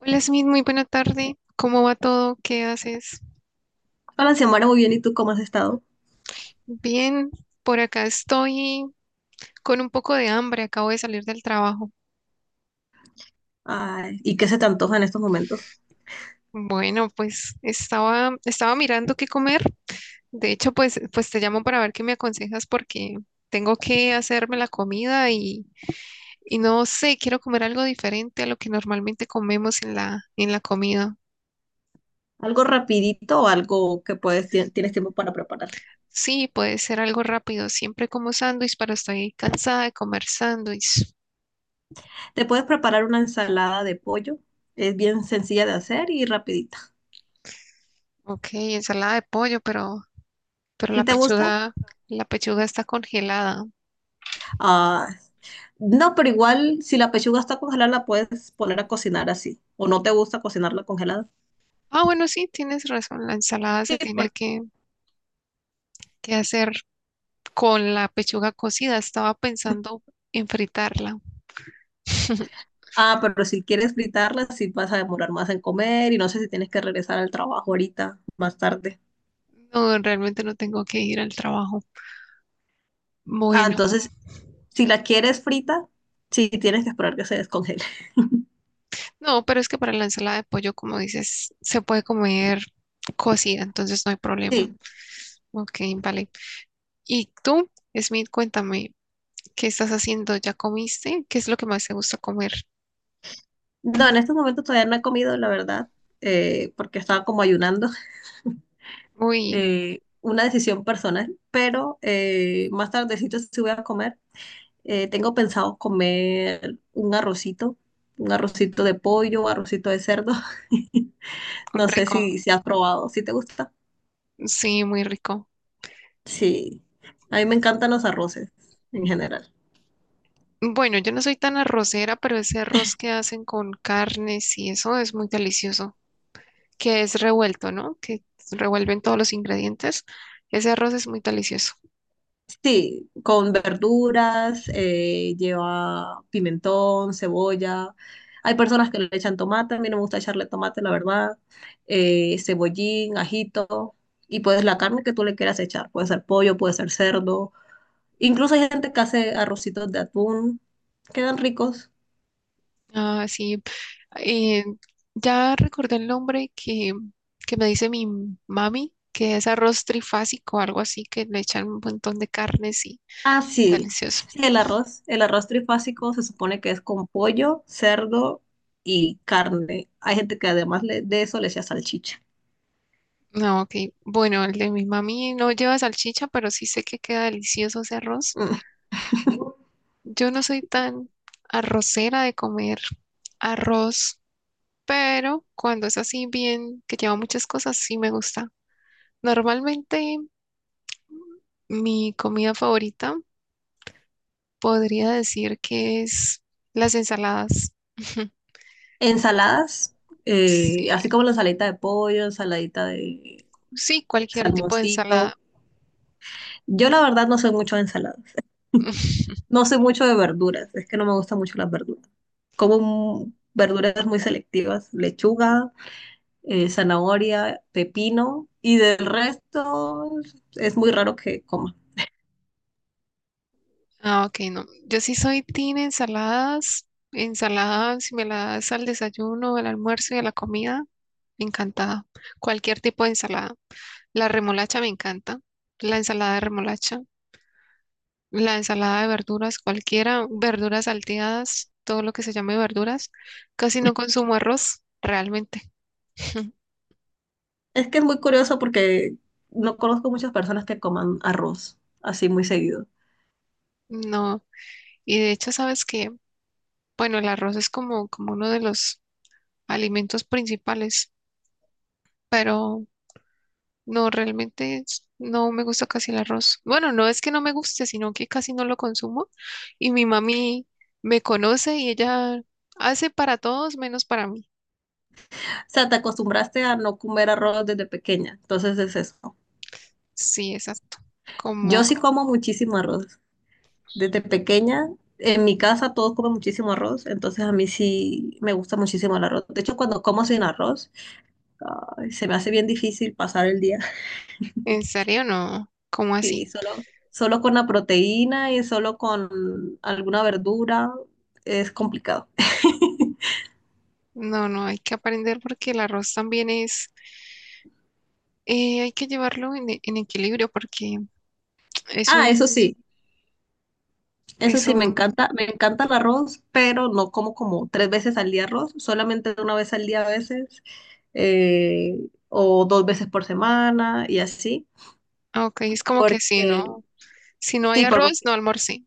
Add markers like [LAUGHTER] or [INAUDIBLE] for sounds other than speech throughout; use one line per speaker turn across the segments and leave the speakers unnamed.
Hola Smith, muy buena tarde. ¿Cómo va todo? ¿Qué haces?
Hola, Xiomara, muy bien. ¿Y tú cómo has estado?
Bien, por acá estoy con un poco de hambre, acabo de salir del trabajo.
Ay, ¿y qué se te antoja en estos momentos?
Bueno, pues estaba mirando qué comer. De hecho, pues te llamo para ver qué me aconsejas porque tengo que hacerme la comida y no sé, quiero comer algo diferente a lo que normalmente comemos en la comida.
¿Algo rapidito o algo que puedes, tienes tiempo para preparar?
Sí, puede ser algo rápido. Siempre como sándwich, pero estoy cansada de comer sándwich.
Te puedes preparar una ensalada de pollo. Es bien sencilla de hacer y rapidita.
Ok, ensalada de pollo, pero
¿Sí te gusta?
la pechuga está congelada.
Ah, no, pero igual si la pechuga está congelada la puedes poner a cocinar así. ¿O no te gusta cocinarla congelada?
Ah, bueno, sí, tienes razón, la ensalada se
Sí,
tiene
porque-
que, que hacer con la pechuga cocida. Estaba pensando en fritarla. [LAUGHS]
Ah, pero si quieres fritarla, sí vas a demorar más en comer y no sé si tienes que regresar al trabajo ahorita, más tarde.
No, realmente no tengo que ir al trabajo.
Ah,
Bueno,
entonces, si la quieres frita, sí tienes que esperar que se descongele.
no, pero es que para la ensalada de pollo, como dices, se puede comer cocida, entonces no hay problema.
Sí.
Ok, vale. ¿Y tú, Smith, cuéntame, qué estás haciendo? ¿Ya comiste? ¿Qué es lo que más te gusta comer?
No, en estos momentos todavía no he comido, la verdad, porque estaba como ayunando. [LAUGHS]
Uy,
Una decisión personal, pero más tardecito sí voy a comer. Tengo pensado comer un arrocito de pollo, un arrocito de cerdo. [LAUGHS] No sé
rico.
si has probado, si te gusta.
Sí, muy rico.
Sí, a mí me encantan los arroces en general.
Bueno, yo no soy tan arrocera, pero ese arroz que hacen con carnes y eso es muy delicioso, que es revuelto, ¿no? Que revuelven todos los ingredientes. Ese arroz es muy delicioso.
Sí, con verduras, lleva pimentón, cebolla. Hay personas que le echan tomate, a mí no me gusta echarle tomate, la verdad. Cebollín, ajito. Y pues la carne que tú le quieras echar. Puede ser pollo, puede ser cerdo. Incluso hay gente que hace arrocitos de atún. Quedan ricos.
Ah, sí. Eh, ya recordé el nombre que me dice mi mami, que es arroz trifásico, algo así, que le echan un montón de carnes y
Ah, sí.
delicioso.
Sí, el arroz. El arroz trifásico se supone que es con pollo, cerdo y carne. Hay gente que además de eso le echa salchicha.
No, ok. Bueno, el de mi mami no lleva salchicha, pero sí sé que queda delicioso ese arroz.
[LAUGHS] Mm.
Yo no soy tan arrocera de comer arroz, pero cuando es así bien, que lleva muchas cosas, sí me gusta. Normalmente mi comida favorita podría decir que es las ensaladas.
Ensaladas,
Sí,
así como la ensaladita de pollo, ensaladita de
sí, cualquier tipo de
salmoncito.
ensalada.
Yo la verdad no soy mucho de ensaladas,
[LAUGHS]
no soy mucho de verduras, es que no me gustan mucho las verduras. Como verduras muy selectivas, lechuga, zanahoria, pepino y del resto es muy raro que coma.
Ah, ok, no. Yo sí soy team ensaladas. Ensaladas, si me la das al desayuno, al almuerzo y a la comida, encantada. Cualquier tipo de ensalada. La remolacha me encanta. La ensalada de remolacha. La ensalada de verduras, cualquiera. Verduras salteadas, todo lo que se llame verduras. Casi no consumo arroz, realmente. [LAUGHS]
Es que es muy curioso porque no conozco muchas personas que coman arroz así muy seguido. O
No. Y de hecho, sabes que, bueno, el arroz es como uno de los alimentos principales, pero no, realmente es- no me gusta casi el arroz. Bueno, no es que no me guste, sino que casi no lo consumo. Y mi mami me conoce y ella hace para todos menos para mí.
sea, te acostumbraste a no comer arroz desde pequeña, entonces es eso.
Sí, exacto. Como,
Yo sí como muchísimo arroz. Desde pequeña, en mi casa todos comen muchísimo arroz, entonces a mí sí me gusta muchísimo el arroz. De hecho, cuando como sin arroz, ay, se me hace bien difícil pasar el día. [LAUGHS]
¿en serio no? ¿Cómo así?
Sí, solo con la proteína y solo con alguna verdura es complicado. [LAUGHS]
No, no, hay que aprender porque el arroz también es, hay que llevarlo en, e- en equilibrio porque es
Ah, eso
es
sí,
un,
me encanta el arroz, pero no como como tres veces al día arroz, solamente una vez al día a veces, o dos veces por semana y así.
ah, ok, es como que si
Porque,
no, si no hay
sí,
arroz, no almorcé.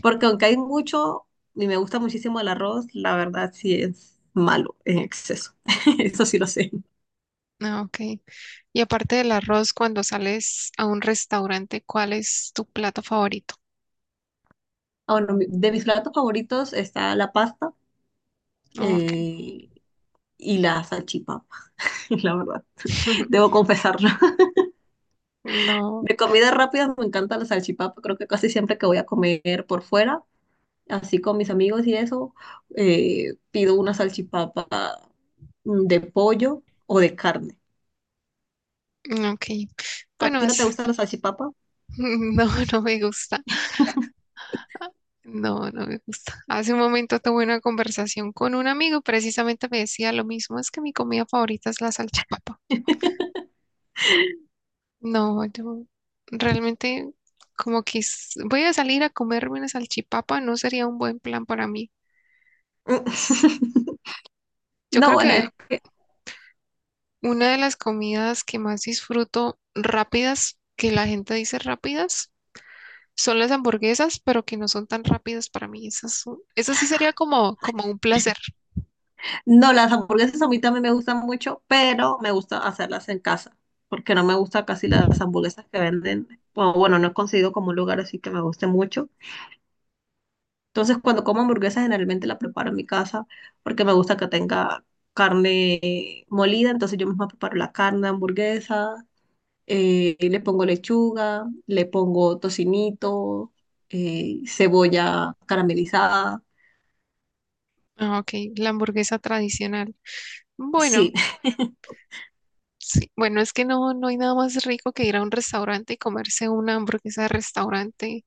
porque aunque hay mucho y me gusta muchísimo el arroz, la verdad sí es malo en exceso. [LAUGHS] Eso sí lo sé.
Ah, ok. Y aparte del arroz, cuando sales a un restaurante, ¿cuál es tu plato favorito?
Ah, bueno, de mis platos favoritos está la pasta,
Ah, ok.
eh, y la salchipapa, [LAUGHS] la verdad.
[LAUGHS]
Debo confesarlo. [LAUGHS]
No,
De comidas rápidas me encanta la salchipapa. Creo que casi siempre que voy a comer por fuera, así con mis amigos y eso, pido una salchipapa, de pollo o de carne.
ok.
¿A
Bueno,
ti no te
es,
gusta la salchipapa?
[LAUGHS] no, no me gusta. No, no me gusta. Hace un momento tuve una conversación con un amigo, precisamente me decía lo mismo, es que mi comida favorita es la salchipapa.
[LAUGHS]
No, yo realmente como que s- voy a salir a comerme una salchipapa, no sería un buen plan para mí. S-
[LAUGHS]
Yo
No,
creo
bueno,
que
es que
una de las comidas que más disfruto rápidas, que la gente dice rápidas, son las hamburguesas, pero que no son tan rápidas para mí. Eso sí sería como un placer.
no, las hamburguesas a mí también me gustan mucho, pero me gusta hacerlas en casa, porque no me gusta casi las hamburguesas que venden, o bueno, no he conseguido como un lugar así que me guste mucho. Entonces, cuando como hamburguesas, generalmente la preparo en mi casa, porque me gusta que tenga carne molida, entonces yo misma preparo la carne de hamburguesa, le pongo lechuga, le pongo tocinito, cebolla caramelizada.
Ah, ok, la hamburguesa tradicional. Bueno,
Sí,
sí, bueno, es que no, no hay nada más rico que ir a un restaurante y comerse una hamburguesa de restaurante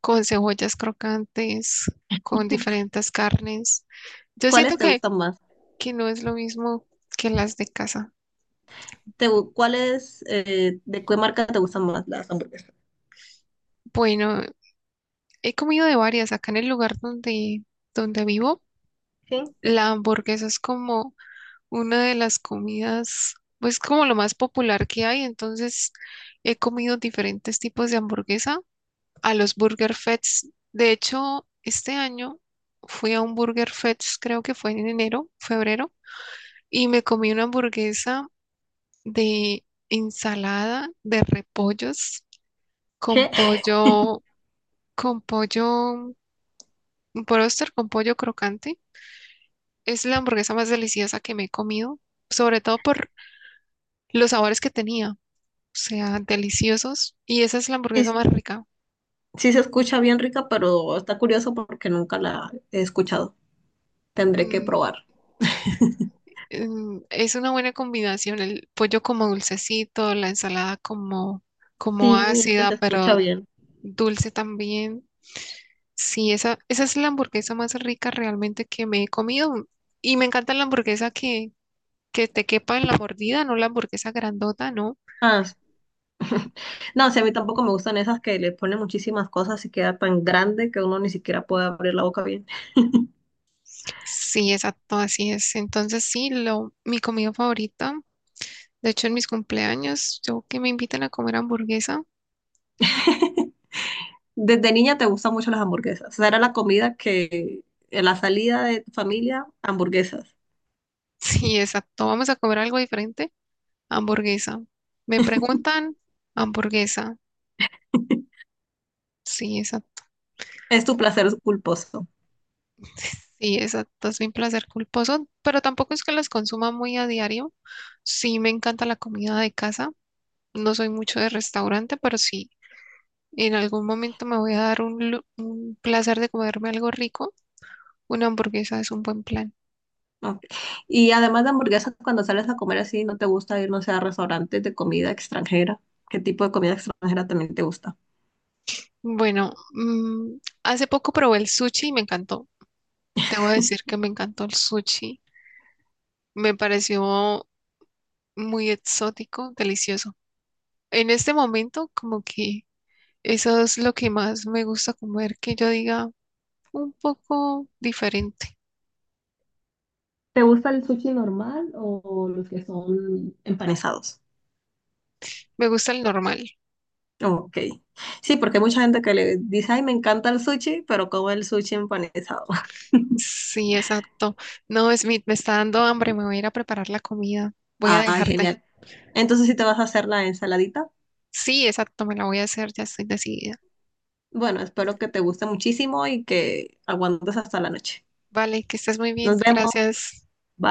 con cebollas crocantes, con
[LAUGHS]
diferentes carnes. Yo siento
¿cuáles te
que,
gustan más?
que no es lo mismo que las de casa.
¿Cuál es, de qué marca te gustan más las hamburguesas?
Bueno, he comido de varias. Acá en el lugar donde vivo,
¿Sí?
la hamburguesa es como una de las comidas, pues como lo más popular que hay. Entonces, he comido diferentes tipos de hamburguesa a los Burger Fest. De hecho, este año fui a un Burger Fest, creo que fue en enero, febrero, y me comí una hamburguesa de ensalada de repollos con
¿Qué?
pollo, con pollo, un bróster con pollo crocante. Es la hamburguesa más deliciosa que me he comido, sobre todo por los sabores que tenía, o sea, deliciosos, y esa es la
Y
hamburguesa
s-
más rica.
sí se escucha bien rica, pero está curioso porque nunca la he escuchado. Tendré que
Mm,
probar. [LAUGHS]
mm, es una buena combinación, el pollo como dulcecito, la ensalada como, como
Sí, es que
ácida,
se escucha
pero
bien.
dulce también. Sí, esa es la hamburguesa más rica realmente que me he comido. Y me encanta la hamburguesa que te quepa en la mordida, no la hamburguesa grandota, ¿no?
Ah, s- [LAUGHS] no, sí, a mí tampoco me gustan esas que le ponen muchísimas cosas y queda tan grande que uno ni siquiera puede abrir la boca bien.
Sí, exacto, así es. Entonces sí, lo, mi comida favorita. De hecho, en mis cumpleaños, yo que me invitan a comer hamburguesa. [LAUGHS]
[LAUGHS] Desde niña te gustan mucho las hamburguesas. O sea, era la comida que, en la salida de tu familia, hamburguesas.
Sí, exacto. Vamos a comer algo diferente. Hamburguesa. Me preguntan, hamburguesa.
[LAUGHS]
Sí, esa,
Es tu placer culposo.
[LAUGHS] sí, esa es mi placer culposo, pero tampoco es que las consuma muy a diario. Sí, me encanta la comida de casa. No soy mucho de restaurante, pero sí, en algún momento me voy a dar un, lu- un placer de comerme algo rico. Una hamburguesa es un buen plan.
Ok. Y además de hamburguesas, cuando sales a comer así, ¿no te gusta ir, no sé, a restaurantes de comida extranjera? ¿Qué tipo de comida extranjera también te gusta?
Bueno, mm, hace poco probé el sushi y me encantó. Debo decir que me encantó el sushi. Me pareció muy exótico, delicioso. En este momento, como que eso es lo que más me gusta comer, que yo diga un poco diferente.
¿Te gusta el sushi normal o los que son empanizados?
Me gusta el normal.
Ok. Sí, porque hay mucha gente que le dice, ay, me encanta el sushi, pero como el sushi empanizado. [LAUGHS]
Sí, exacto. No, Smith, me está dando hambre, me voy a ir a preparar la comida. Voy a
Ay,
dejarte.
genial. Entonces, si te vas a hacer la ensaladita,
Sí, exacto, me la voy a hacer, ya estoy decidida.
bueno, espero que te guste muchísimo y que aguantes hasta la noche.
Vale, que estés muy bien.
Nos vemos.
Gracias.
Bye.